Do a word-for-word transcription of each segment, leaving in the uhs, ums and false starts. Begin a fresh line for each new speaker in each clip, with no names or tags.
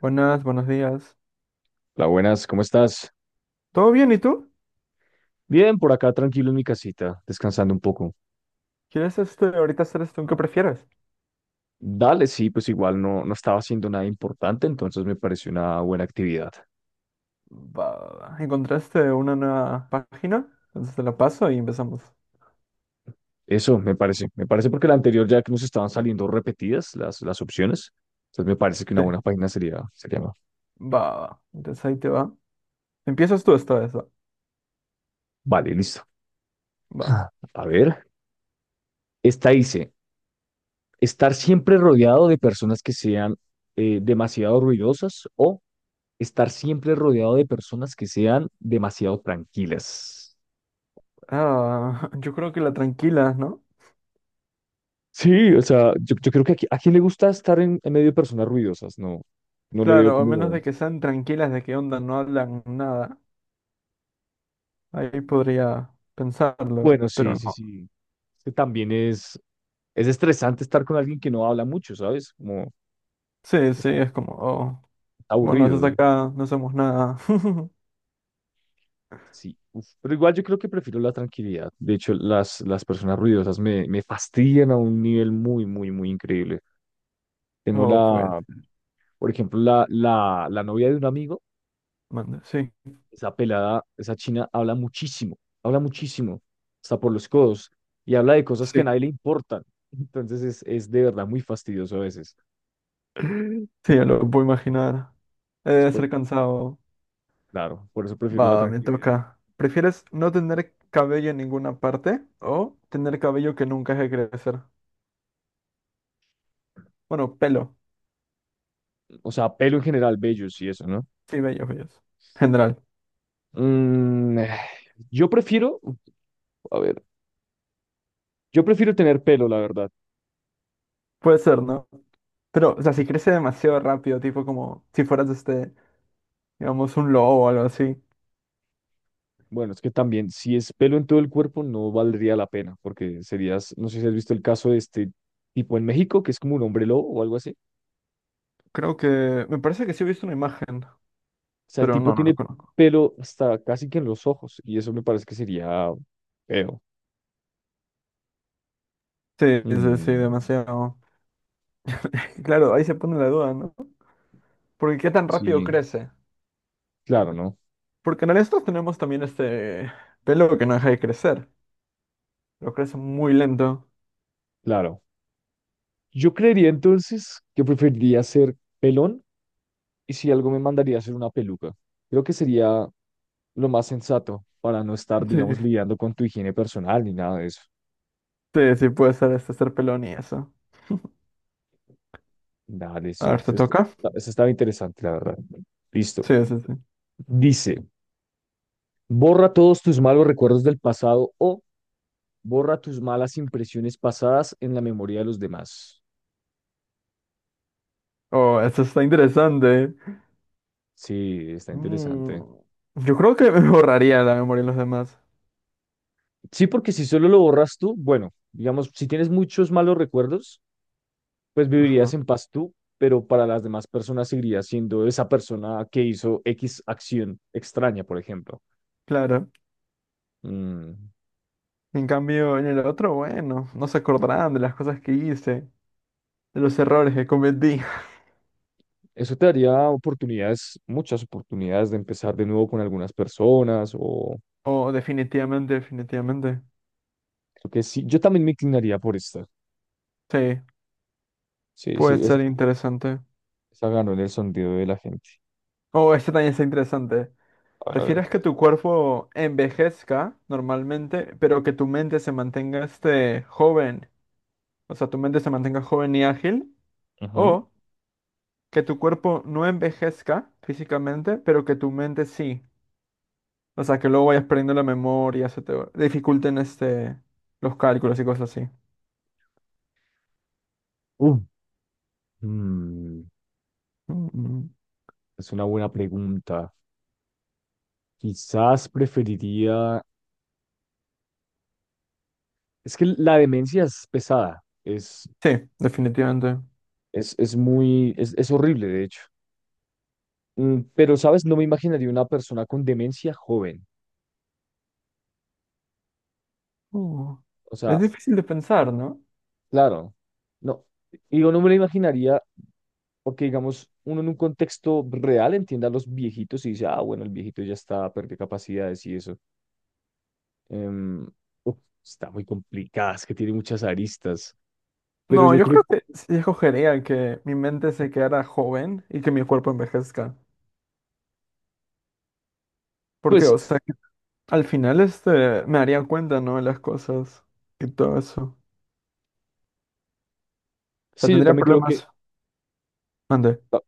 Buenas, buenos días.
Hola, buenas, ¿cómo estás?
¿Todo bien? ¿Y tú?
Bien, por acá tranquilo en mi casita, descansando un poco.
¿Quieres este, ahorita hacer esto? ¿Qué prefieres?
Dale, sí, pues igual no, no estaba haciendo nada importante, entonces me pareció una buena actividad.
Va, va, va. ¿encontraste una nueva página? Entonces te la paso y empezamos.
Eso me parece, me parece porque la anterior ya que nos estaban saliendo repetidas las, las opciones, entonces me parece que una
Sí.
buena página sería, sería más.
Va, va, va. Entonces ahí te va. Empiezas tú esta vez, va.
Vale, listo.
Va.
A ver, esta dice, estar siempre rodeado de personas que sean eh, demasiado ruidosas o estar siempre rodeado de personas que sean demasiado tranquilas.
Ah, yo creo que la tranquila, ¿no?
Sí, o sea, yo, yo creo que aquí, a quién le gusta estar en, en medio de personas ruidosas, no, no le veo
Claro, a menos
como,
de que sean tranquilas, de qué onda, no hablan nada. Ahí podría pensarlo,
bueno,
pero
sí, sí,
no.
sí, es que también es, es estresante estar con alguien que no habla mucho, ¿sabes? Como
Sí, sí,
es abu-
es como, oh, bueno, estás
aburrido,
acá, no hacemos nada.
sí, uf. Pero igual yo creo que prefiero la tranquilidad, de hecho las, las personas ruidosas me, me fastidian a un nivel muy, muy, muy increíble. Tengo
Oh, pues,
la, por ejemplo, la, la, la novia de un amigo.
manda, sí,
Esa pelada, esa china habla muchísimo, habla muchísimo, hasta por los codos, y habla de cosas que a
sí.
nadie le importan. Entonces es, es de verdad muy fastidioso a veces.
Sí, ya lo puedo imaginar. He
Entonces,
de
por-
ser cansado.
claro, por eso prefiero la
Va, me
tranquilidad.
toca. ¿Prefieres no tener cabello en ninguna parte o tener cabello que nunca deje de crecer? Bueno, pelo.
O sea, pelo en general, bellos y eso, ¿no?
Sí, bello, bello. General.
Mm, eh, yo prefiero, a ver, yo prefiero tener pelo, la verdad.
Puede ser, ¿no? Pero, o sea, si crece demasiado rápido, tipo como si fueras, este, digamos, un lobo o algo así.
Bueno, es que también, si es pelo en todo el cuerpo, no valdría la pena, porque serías, no sé si has visto el caso de este tipo en México, que es como un hombre lobo o algo así.
Creo que... Me parece que sí he visto una imagen,
O sea, el
pero
tipo
no, no lo
tiene
conozco.
pelo hasta casi que en los ojos y eso me parece que sería feo.
Sí, sí, sí,
Mm,
demasiado. Claro, ahí se pone la duda, ¿no? Porque qué tan rápido
sí,
crece.
claro, ¿no?
Porque en estos tenemos también este pelo que no deja de crecer. Lo crece muy lento.
Claro. Yo creería entonces que preferiría ser pelón y si algo me mandaría a hacer una peluca. Creo que sería lo más sensato para no estar,
Sí,
digamos, lidiando con tu higiene personal ni nada de eso.
sí, sí, puede ser este ser pelón y eso.
Dale,
A
sí,
ver, ¿te
eso est-
toca?
está- eso estaba interesante, la verdad. Listo.
Sí, sí, sí.
Dice, borra todos tus malos recuerdos del pasado o borra tus malas impresiones pasadas en la memoria de los demás.
Oh, esto está interesante.
Sí, está
Mm,
interesante.
yo creo que me borraría la memoria de los demás.
Sí, porque si solo lo borras tú, bueno, digamos, si tienes muchos malos recuerdos, pues
Ajá,
vivirías en paz tú, pero para las demás personas seguirías siendo esa persona que hizo X acción extraña, por ejemplo.
claro.
Mm,
En cambio, en el otro, bueno, no se acordarán de las cosas que hice, de los errores que cometí.
Eso te daría oportunidades, muchas oportunidades de empezar de nuevo con algunas personas o
Oh, definitivamente, definitivamente.
creo que sí. Yo también me inclinaría por esta.
Sí,
Sí,
puede
sí, esa,
ser interesante.
esa ganó en el sondeo de la gente.
Oh, este también está interesante.
A ver.
¿Prefieres que tu cuerpo envejezca normalmente, pero que tu mente se mantenga este joven? O sea, tu mente se mantenga joven y ágil.
Ujú.
O que tu cuerpo no envejezca físicamente, pero que tu mente sí. O sea, que luego vayas perdiendo la memoria, se te va- dificulten este, los cálculos y cosas así.
Uh, mm,
Mm,
es una buena pregunta. Quizás preferiría... Es que la demencia es pesada, es,
sí, definitivamente.
es, es muy... Es, es horrible, de hecho. Mm, pero, ¿sabes? No me imaginaría una persona con demencia joven.
Uh,
O
es
sea,
difícil de pensar, ¿no?
claro, no. Digo, no me lo imaginaría porque, digamos, uno en un contexto real entiende a los viejitos y dice, ah, bueno, el viejito ya está, perdió capacidades y eso. Em, uf, está muy complicada, es que tiene muchas aristas. Pero
No,
yo
yo
creo,
creo que sí escogería que mi mente se quedara joven y que mi cuerpo envejezca. ¿por qué?
pues...
o sea, al final, este, me daría cuenta, ¿no? De las cosas y todo eso. O sea,
Sí, yo
tendría
también creo que
problemas. Mande.
ta-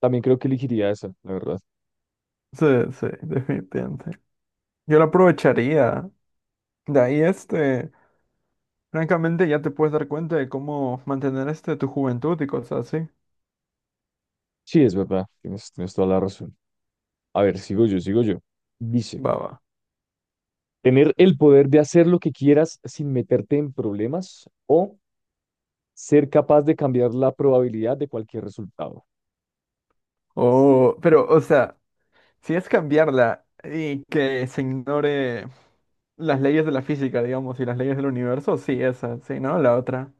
también creo que elegiría esa, la verdad.
Sí, sí, definitivamente. Yo lo aprovecharía. De ahí, este, francamente, ya te puedes dar cuenta de cómo mantener, este, tu juventud y cosas así.
Sí, es verdad, tienes, tienes toda la razón. A ver, sigo yo, sigo yo. Dice,
Va, va.
tener el poder de hacer lo que quieras sin meterte en problemas o ser capaz de cambiar la probabilidad de cualquier resultado.
O, pero, o sea, si es cambiarla y que se ignore las leyes de la física, digamos, y las leyes del universo, sí, esa, sí, ¿no? La otra.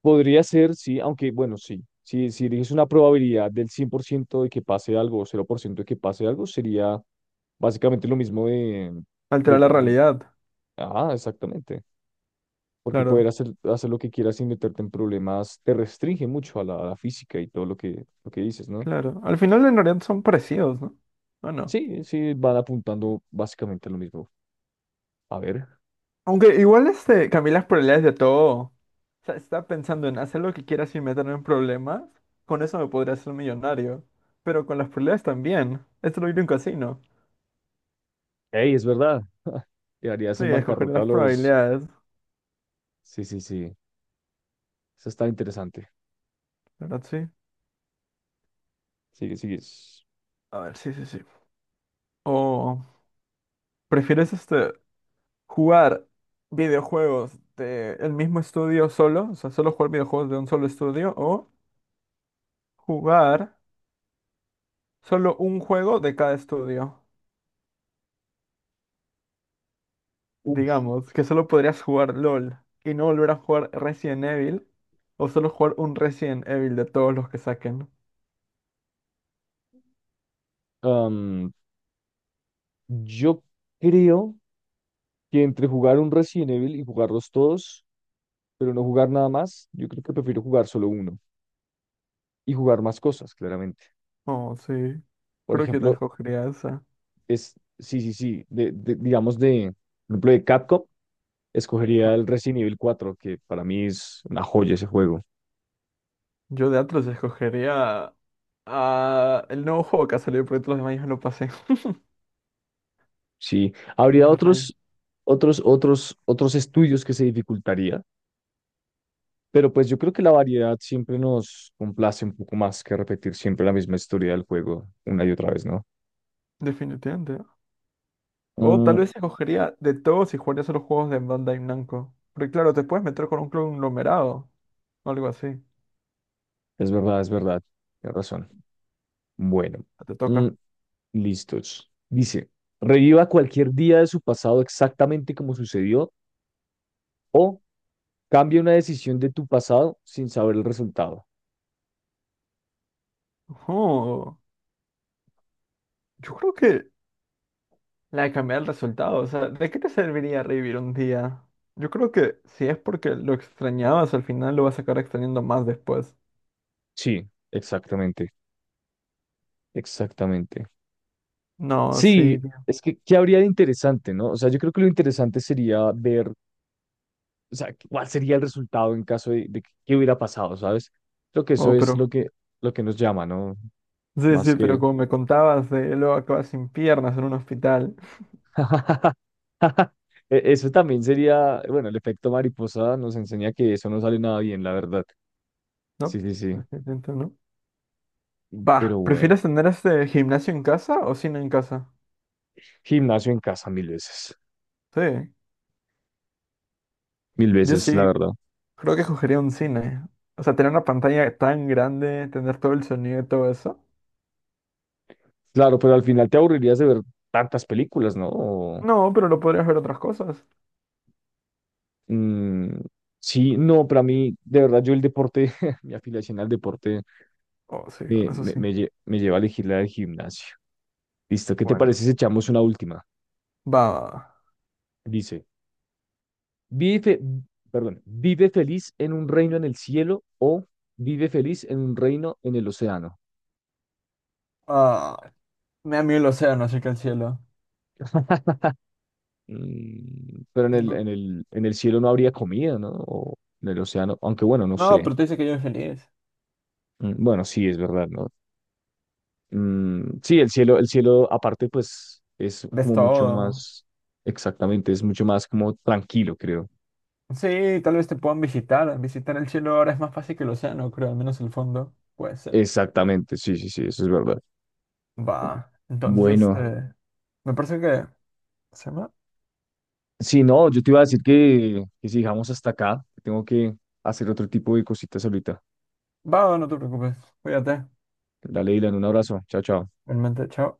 Podría ser, sí, aunque bueno, sí. Si, si eliges una probabilidad del cien por ciento de que pase algo o cero por ciento de que pase algo, sería básicamente lo mismo de, de
Alterar la
tener...
realidad.
Ah, exactamente. Porque poder
Claro,
hacer, hacer lo que quieras sin meterte en problemas te restringe mucho a la, a la física y todo lo que, lo que dices, ¿no?
claro. Al final, en realidad son parecidos, ¿no? ¿O no?
Sí, sí, van apuntando básicamente a lo mismo. A ver,
Aunque igual este, Camila las probabilidades de todo. O sea, estaba pensando en hacer lo que quiera sin meterme en problemas. Con eso me podría hacer millonario. Pero con las probabilidades también. Esto lo vi en un casino.
hey, es verdad, te harías
Sí,
en
escoger
bancarrota a
las
los...
probabilidades.
Sí, sí, sí, eso está interesante.
¿Verdad? Sí.
Sigue, sigue.
A ver, sí, sí, sí. O prefieres este jugar videojuegos de el mismo estudio solo, o sea, solo jugar videojuegos de un solo estudio, o jugar solo un juego de cada estudio.
Uf,
Digamos que solo podrías jugar LOL y no volver a jugar Resident Evil, o solo jugar un Resident Evil de todos los que saquen.
am, yo creo que entre jugar un Resident Evil y jugarlos todos, pero no jugar nada más, yo creo que prefiero jugar solo uno y jugar más cosas, claramente.
Oh, sí.
Por
Creo que yo también
ejemplo,
escogería esa.
es, sí, sí, sí, de, de- digamos de, por ejemplo, de Capcom, escogería el Resident Evil cuatro que para mí es una joya ese juego.
Yo de Atlus escogería a el nuevo juego que ha salido, porque todos los demás ya me lo pasé.
Sí,
Porque
habría
qué rayos.
otros, otros, otros, otros estudios que se dificultaría, pero pues yo creo que la variedad siempre nos complace un poco más que repetir siempre la misma historia del juego una y otra vez, ¿no?
Definitivamente. O tal
Mm,
vez escogería de todos y jugaría solo juegos de Bandai Namco. Porque claro, te puedes meter con un conglomerado o algo así.
es verdad, es verdad, tienes razón. Bueno,
Te
mm,
toca.
listos. Dice, reviva cualquier día de su pasado exactamente como sucedió o cambia una decisión de tu pasado sin saber el resultado.
Oh, yo creo que La de cambiar el resultado, o sea, ¿de qué te serviría revivir un día? Yo creo que si es porque lo extrañabas, al final lo vas a acabar extrañando más después.
Sí, exactamente, exactamente.
No, sí,
Sí,
tío.
es que, ¿qué habría de interesante, no? O sea, yo creo que lo interesante sería ver, o sea, cuál sería el resultado en caso de, de que qué hubiera pasado, ¿sabes? Creo que eso
Oh,
es lo
pero.
que, lo que nos llama, ¿no?
Sí,
Más
sí, pero
que...
como me contabas, de luego acabas sin piernas en un hospital,
E- Eso también sería, bueno, el efecto mariposa nos enseña que eso no sale nada bien, la verdad. Sí,
¿no?
sí, sí.
Entiendo, ¿no?
Pero
Va,
bueno,
¿prefieres tener este gimnasio en casa o cine en casa?
gimnasio en casa mil veces,
Sí,
mil
yo
veces, la
sí,
verdad.
creo que escogería un cine. O sea, tener una pantalla tan grande, tener todo el sonido y todo eso.
Claro, pero al final te aburrirías de ver tantas películas, ¿no? O,
No, pero lo podrías ver otras cosas.
mm, sí, no, para mí, de verdad, yo el deporte, mi afiliación al deporte
Oh, sí,
eh,
bueno, eso
me,
sí.
me, lle- me lleva a elegir la del gimnasio. Listo, ¿qué te
Bueno.
parece si echamos una última?
Va, va, va.
Dice, vive, fe- perdón, vive feliz en un reino en el cielo o vive feliz en un reino en el océano.
Ah, me da miedo el océano, así que el cielo.
Mm, pero en el,
Tengo...
en el, en el cielo no habría comida, ¿no? O en el océano, aunque bueno, no
No,
sé.
pero te dice que yo soy feliz.
Mm, Bueno, sí, es verdad, ¿no? Mm, sí, el cielo, el cielo aparte, pues es
Ves
como mucho
todo.
más, exactamente, es mucho más como tranquilo, creo.
Sí, tal vez te puedan visitar. Visitar el cielo ahora es más fácil que el océano, creo, al menos el fondo. Puede ser.
Exactamente, sí, sí, sí, eso es verdad.
Va. Entonces,
Bueno,
este. Me parece que. ¿Se llama?
sí, no, yo te iba a decir que, que si dejamos hasta acá, tengo que hacer otro tipo de cositas ahorita.
Va, no te preocupes. Cuídate.
Dale, Dylan, un abrazo, chao, chao.
Realmente, chao.